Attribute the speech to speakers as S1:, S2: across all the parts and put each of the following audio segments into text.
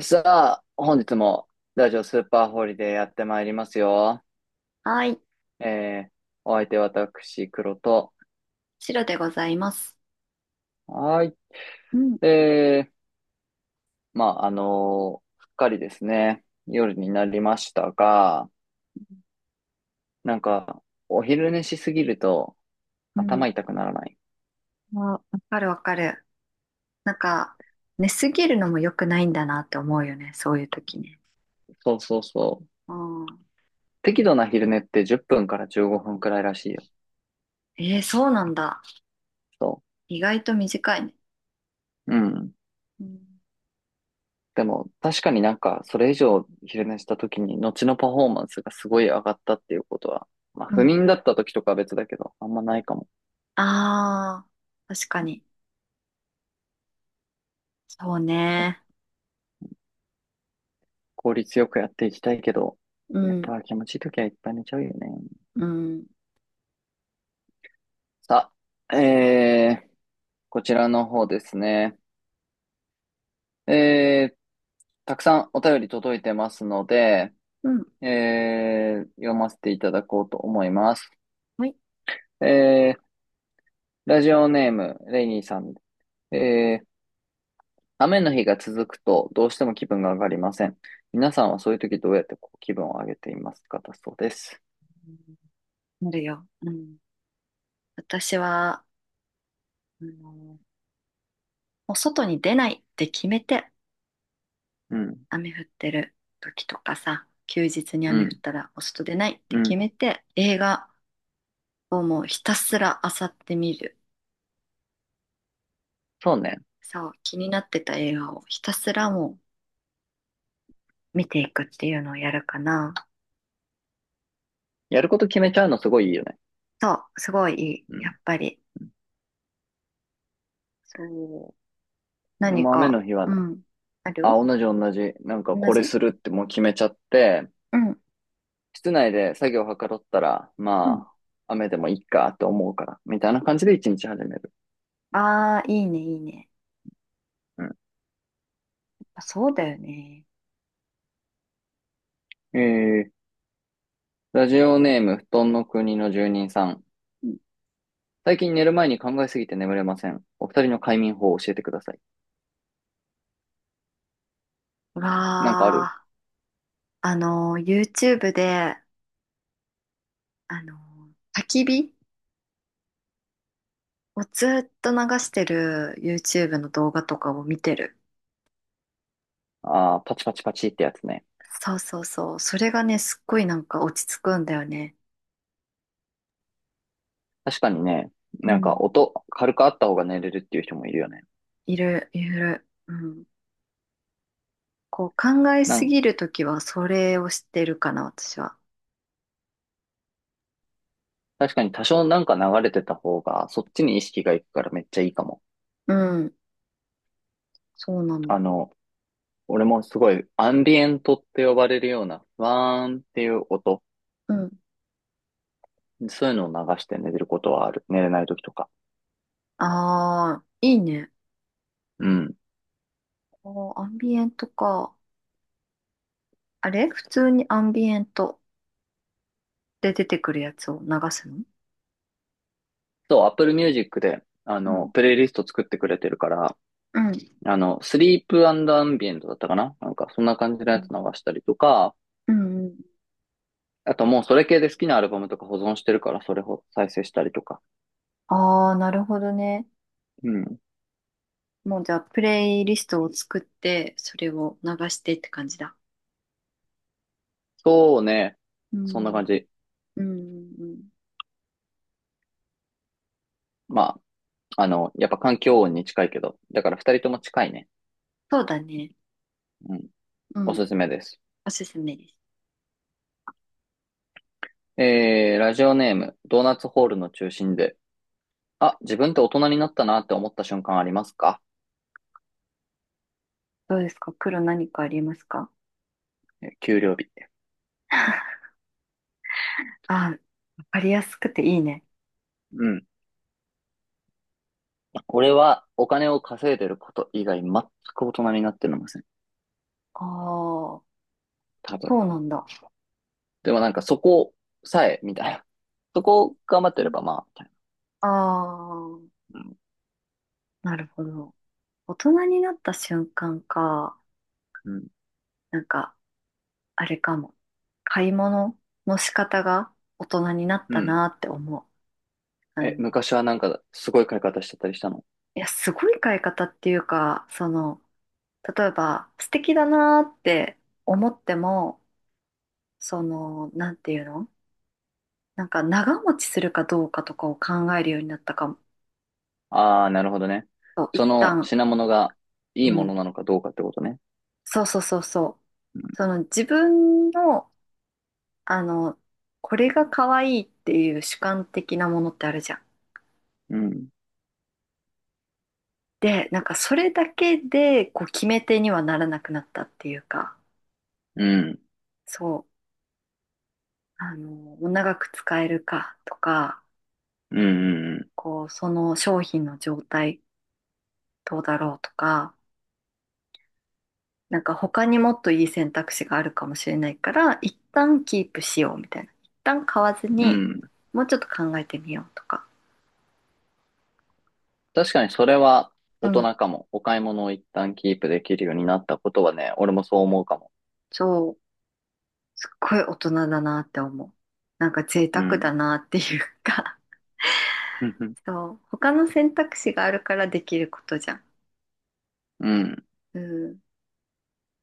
S1: さあ、本日もラジオスーパーホリデーやってまいりますよ。
S2: はい、
S1: えー、お相手私、黒と。
S2: 白でございます。
S1: はーい。
S2: うん。
S1: すっかりですね、夜になりましたが、なんか、お昼寝しすぎると
S2: うん、
S1: 頭痛くならない？
S2: わかるわかる。なんか、寝すぎるのも良くないんだなって思うよね、そういう時ね。
S1: そうそうそう。
S2: ああ、
S1: 適度な昼寝って10分から15分くらいらしいよ。
S2: そうなんだ。
S1: そ
S2: 意外と短いね。
S1: う。うん。
S2: うん。
S1: でも、確かにそれ以上昼寝した時に、後のパフォーマンスがすごい上がったっていうことは、まあ、
S2: う
S1: 不
S2: ん。
S1: 眠だった時とかは別だけど、あんまないかも
S2: ああ、確かに。そう
S1: ね。
S2: ね。
S1: 効率よくやっていきたいけど、
S2: う
S1: やっ
S2: ん、
S1: ぱ気持ちいい時はいっぱい寝ちゃうよね。
S2: うん、
S1: さあ、えー、こちらの方ですね。えー、たくさんお便り届いてますので、
S2: うん。
S1: 読ませていただこうと思います。
S2: はい。
S1: えー、ラジオネーム、レイニーさん。えー、雨の日が続くとどうしても気分が上がりません。皆さんはそういう時どうやってこう気分を上げていますかだそうです。
S2: うん、なるよ。うん。私は、もう外に出ないって決めて、
S1: うん、
S2: 雨降ってる時とかさ、休日に
S1: う
S2: 雨降っ
S1: ん、
S2: たらお外出ないって
S1: う
S2: 決
S1: ん。
S2: めて、映画をもうひたすら漁ってみる。
S1: そうね。
S2: そう、気になってた映画をひたすら見ていくっていうのをやるかな。
S1: やること決めちゃうのすごいいいよね。
S2: そう、すごいいい。
S1: う
S2: やっ
S1: ん。
S2: ぱり。そう。
S1: 俺
S2: 何
S1: も雨
S2: か、
S1: の日は
S2: う
S1: な、
S2: ん。あ
S1: あ、
S2: る。
S1: 同じ。なんか
S2: 同
S1: これ
S2: じ。
S1: するってもう決めちゃって、
S2: うん。
S1: 室内で作業はかどったら、
S2: うん。
S1: まあ、雨でもいいかって思うから、みたいな感じで一日始める。
S2: ああ、いいね、いいね。
S1: う
S2: あ、そうだよね。
S1: ん。ラジオネーム、布団の国の住人さん。
S2: うん。
S1: 最近寝る前に考えすぎて眠れません。お二人の快眠法を教えてください。
S2: う
S1: なんかあ
S2: わ
S1: る？
S2: あ、YouTube で、あの焚き火もうずっと流してる YouTube の動画とかを見てる。
S1: ああー、パチパチパチってやつね。
S2: そうそうそう。それがね、すっごいなんか落ち着くんだよね。
S1: 確かにね、
S2: う
S1: なんか
S2: ん。
S1: 音、軽くあった方が寝れるっていう人もいるよね。
S2: いる、いる。うん。こう考え
S1: な
S2: す
S1: ん、
S2: ぎるときはそれをしてるかな、私は。
S1: 確かに多少なんか流れてた方が、そっちに意識がいくからめっちゃいいかも。
S2: うん。そうなの。
S1: あの、俺もすごいアンビエントって呼ばれるような、ふわーんっていう音、
S2: うん。
S1: そういうのを流して寝れることはある。寝れない時とか。
S2: ああ、いいね。
S1: うん。
S2: おー、アンビエントか。あれ普通にアンビエントで出てくるやつを流すの？
S1: そう、Apple Music で、
S2: うん。
S1: プレイリスト作ってくれてるから、
S2: うん。
S1: スリープアンビエントだったかななんか、そんな感じの
S2: う
S1: やつ
S2: ん。
S1: 流したりとか、
S2: うん。
S1: あともうそれ系で好きなアルバムとか保存してるから、それを再生したりとか。
S2: ああ、なるほどね。
S1: うん。
S2: もうじゃあ、プレイリストを作って、それを流してって感じだ。
S1: そうね。
S2: う
S1: そんな感
S2: ん。
S1: じ。
S2: うん。うん、
S1: まやっぱ環境音に近いけど、だから二人とも近いね。
S2: そうだね。
S1: うん。
S2: う
S1: お
S2: ん。
S1: すすめです。
S2: おすすめです。
S1: ラジオネーム、ドーナツホールの中心で、あ、自分って大人になったなって思った瞬間ありますか？
S2: どうですか、黒、何かありますか？
S1: 給料日。
S2: あ、わかりやすくていいね。
S1: うん。俺はお金を稼いでること以外全く大人になってません。
S2: ああ。
S1: 多分。
S2: そうなんだ。
S1: でもなんかそこさえ、みたいな。そこを頑張ってればまあ、みたい
S2: ああー。
S1: な。うん。
S2: なるほど。大人になった瞬間か、
S1: うん。
S2: なんか、あれかも。買い物の仕方が大人になっ
S1: う
S2: た
S1: ん。
S2: なって思う。あ
S1: え、
S2: の、
S1: 昔はなんかすごい買い方してたりしたの？
S2: いや、すごい買い方っていうか、その、例えば、素敵だなーって思っても、その、なんていうの、なんか長持ちするかどうかとかを考えるようになったかも。
S1: ああー、なるほどね。
S2: そう、
S1: そ
S2: 一
S1: の
S2: 旦、
S1: 品物がいい
S2: う
S1: も
S2: ん。
S1: のなのかどうかってことね。
S2: そうそうそうそう。
S1: うん。
S2: その自分の、あの、これが可愛いっていう主観的なものってあるじゃん。
S1: うん。
S2: で、なんかそれだけで、こう決め手にはならなくなったっていうか、
S1: うん。
S2: そう、長く使えるかとか、
S1: うん。うん。
S2: こう、その商品の状態、どうだろうとか、なんか他にもっといい選択肢があるかもしれないから、一旦キープしようみたいな。一旦買わず
S1: う
S2: に、
S1: ん。
S2: もうちょっと考えてみようとか。
S1: 確かにそれは
S2: う
S1: 大
S2: ん。
S1: 人かも。お買い物を一旦キープできるようになったことはね、俺もそう思うかも。
S2: そう。すっごい大人だなって思う。なんか贅
S1: う
S2: 沢だ
S1: ん。
S2: なっていうか。 そう。他の選択肢があるからできることじゃん。
S1: うん。
S2: うん。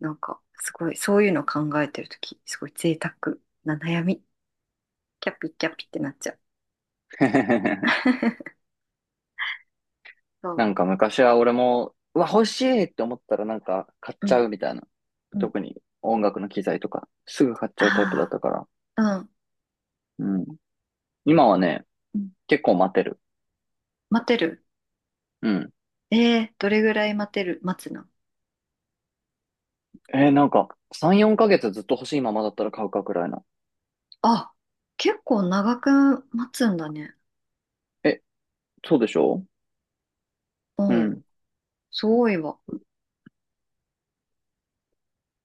S2: なんか、すごい、そういうの考えてるとき、すごい贅沢な悩み。キャピキャピってなっちゃう。そ
S1: なん
S2: う。
S1: か昔は俺も、うわ、欲しいって思ったらなんか買っ
S2: う
S1: ちゃ
S2: ん。
S1: うみたいな。
S2: うん。
S1: 特に音楽の機材とか、すぐ買っちゃうタイプだっ
S2: あ
S1: たから。
S2: あ。うん。
S1: うん。今はね、
S2: うん、
S1: 結構待てる。
S2: 待てる。
S1: うん。
S2: えー、どれぐらい待てる、待つの？
S1: 3、4ヶ月ずっと欲しいままだったら買うかくらいな。
S2: あ、結構長く待つんだね。
S1: え、そうでしょ？
S2: う
S1: う
S2: ん、
S1: ん。
S2: すごいわ。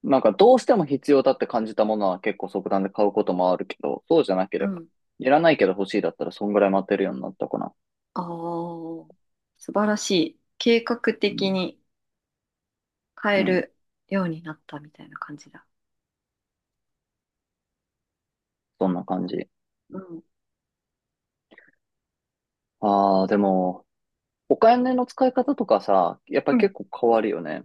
S1: なんか、どうしても必要だって感じたものは結構即断で買うこともあるけど、そうじゃなけ
S2: う
S1: れば、
S2: ん。
S1: いらないけど欲しいだったらそんぐらい待てるようになったかな。
S2: ああ、素晴らしい。計画
S1: う
S2: 的
S1: ん。
S2: に変
S1: う
S2: え
S1: ん。
S2: るようになったみたいな感じだ。
S1: そんな感じ。
S2: うん。
S1: ああ、でも、お金の使い方とかさ、やっぱ
S2: う
S1: り
S2: ん。
S1: 結構変わるよね。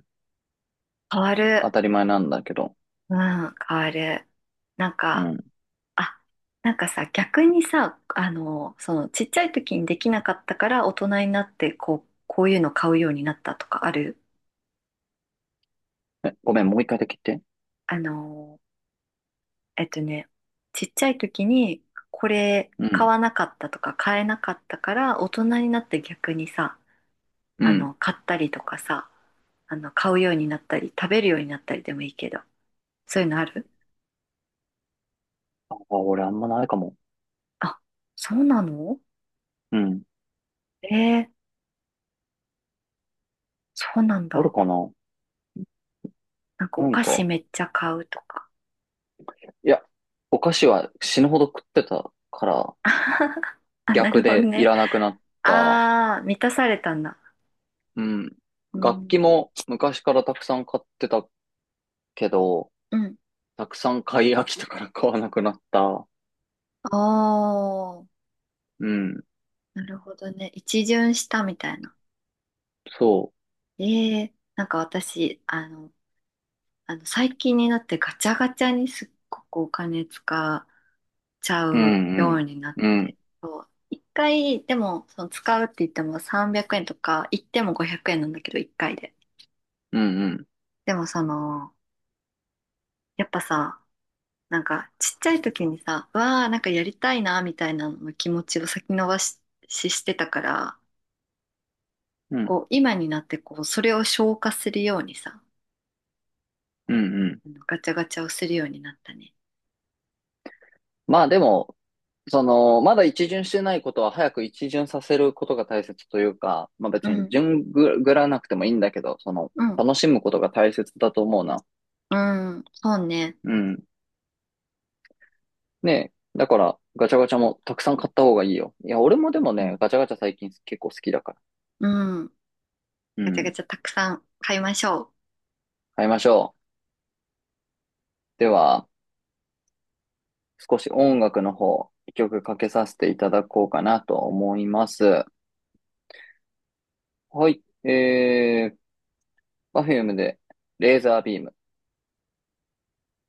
S2: 変わ
S1: 当
S2: る。
S1: たり前なんだけど。
S2: うん、変わる。なん
S1: う
S2: か、
S1: ん。
S2: あ、なんかさ、逆にさ、その、ちっちゃい時にできなかったから、大人になって、こう、こういうの買うようになったとかある？
S1: え、ごめん、もう一回だけ言って。
S2: あのえっとね、ちっちゃい時にこれ
S1: う
S2: 買
S1: ん。
S2: わなかったとか買えなかったから大人になって逆にさ、
S1: うん。
S2: 買ったりとかさ、買うようになったり食べるようになったりでもいいけど、そういうのある？
S1: あ、俺あんまないかも。
S2: あ、そうなの？
S1: うん。
S2: えー、そうなん
S1: ある
S2: だ。
S1: かな？
S2: なんかお
S1: なん
S2: 菓子
S1: か、
S2: めっちゃ買うとか。
S1: いや、お菓子は死ぬほど食ってたから、
S2: あ、なる
S1: 逆
S2: ほど
S1: でい
S2: ね。
S1: らなくなった。
S2: ああ、満たされたんだ。
S1: うん。
S2: う
S1: 楽器
S2: ん。
S1: も昔からたくさん買ってたけど、
S2: うん。
S1: たくさん買い飽きたから買わなくなった。
S2: おー、
S1: うん。
S2: なるほどね。一巡したみたいな。
S1: そ
S2: ええ、なんか私、あの最近になってガチャガチャにすっごくお金使っちゃ
S1: う。う
S2: う
S1: ん
S2: ようになっ
S1: うん。うん。
S2: て、そう一回、でも、その使うって言っても300円とか、行っても500円なんだけど、一回で。
S1: うんうん。
S2: でもその、やっぱさ、なんかちっちゃい時にさ、うわあ、なんかやりたいな、みたいなの気持ちを先延ばし、ししてたから、
S1: うん。
S2: こう、今になってこう、それを消化するようにさ、
S1: うんうん。
S2: あのガチャガチャをするようになったね。
S1: まあでも、その、まだ一巡してないことは早く一巡させることが大切というか、まあ
S2: う
S1: 別に
S2: ん。
S1: 順ぐぐらなくてもいいんだけど、その、
S2: うん、
S1: 楽しむことが大切だと思うな。
S2: うん、そうね。
S1: うん。ねえ。だから、ガチャガチャもたくさん買った方がいいよ。いや、俺もでも
S2: う
S1: ね、
S2: ん、
S1: ガチャガチャ最近結構好きだから。
S2: うん。
S1: う
S2: ガチャガ
S1: ん。
S2: チャたくさん買いましょう。
S1: 買いましょう。では、少し音楽の方、一曲かけさせていただこうかなと思います。はい。えー、Perfume で、レーザービーム。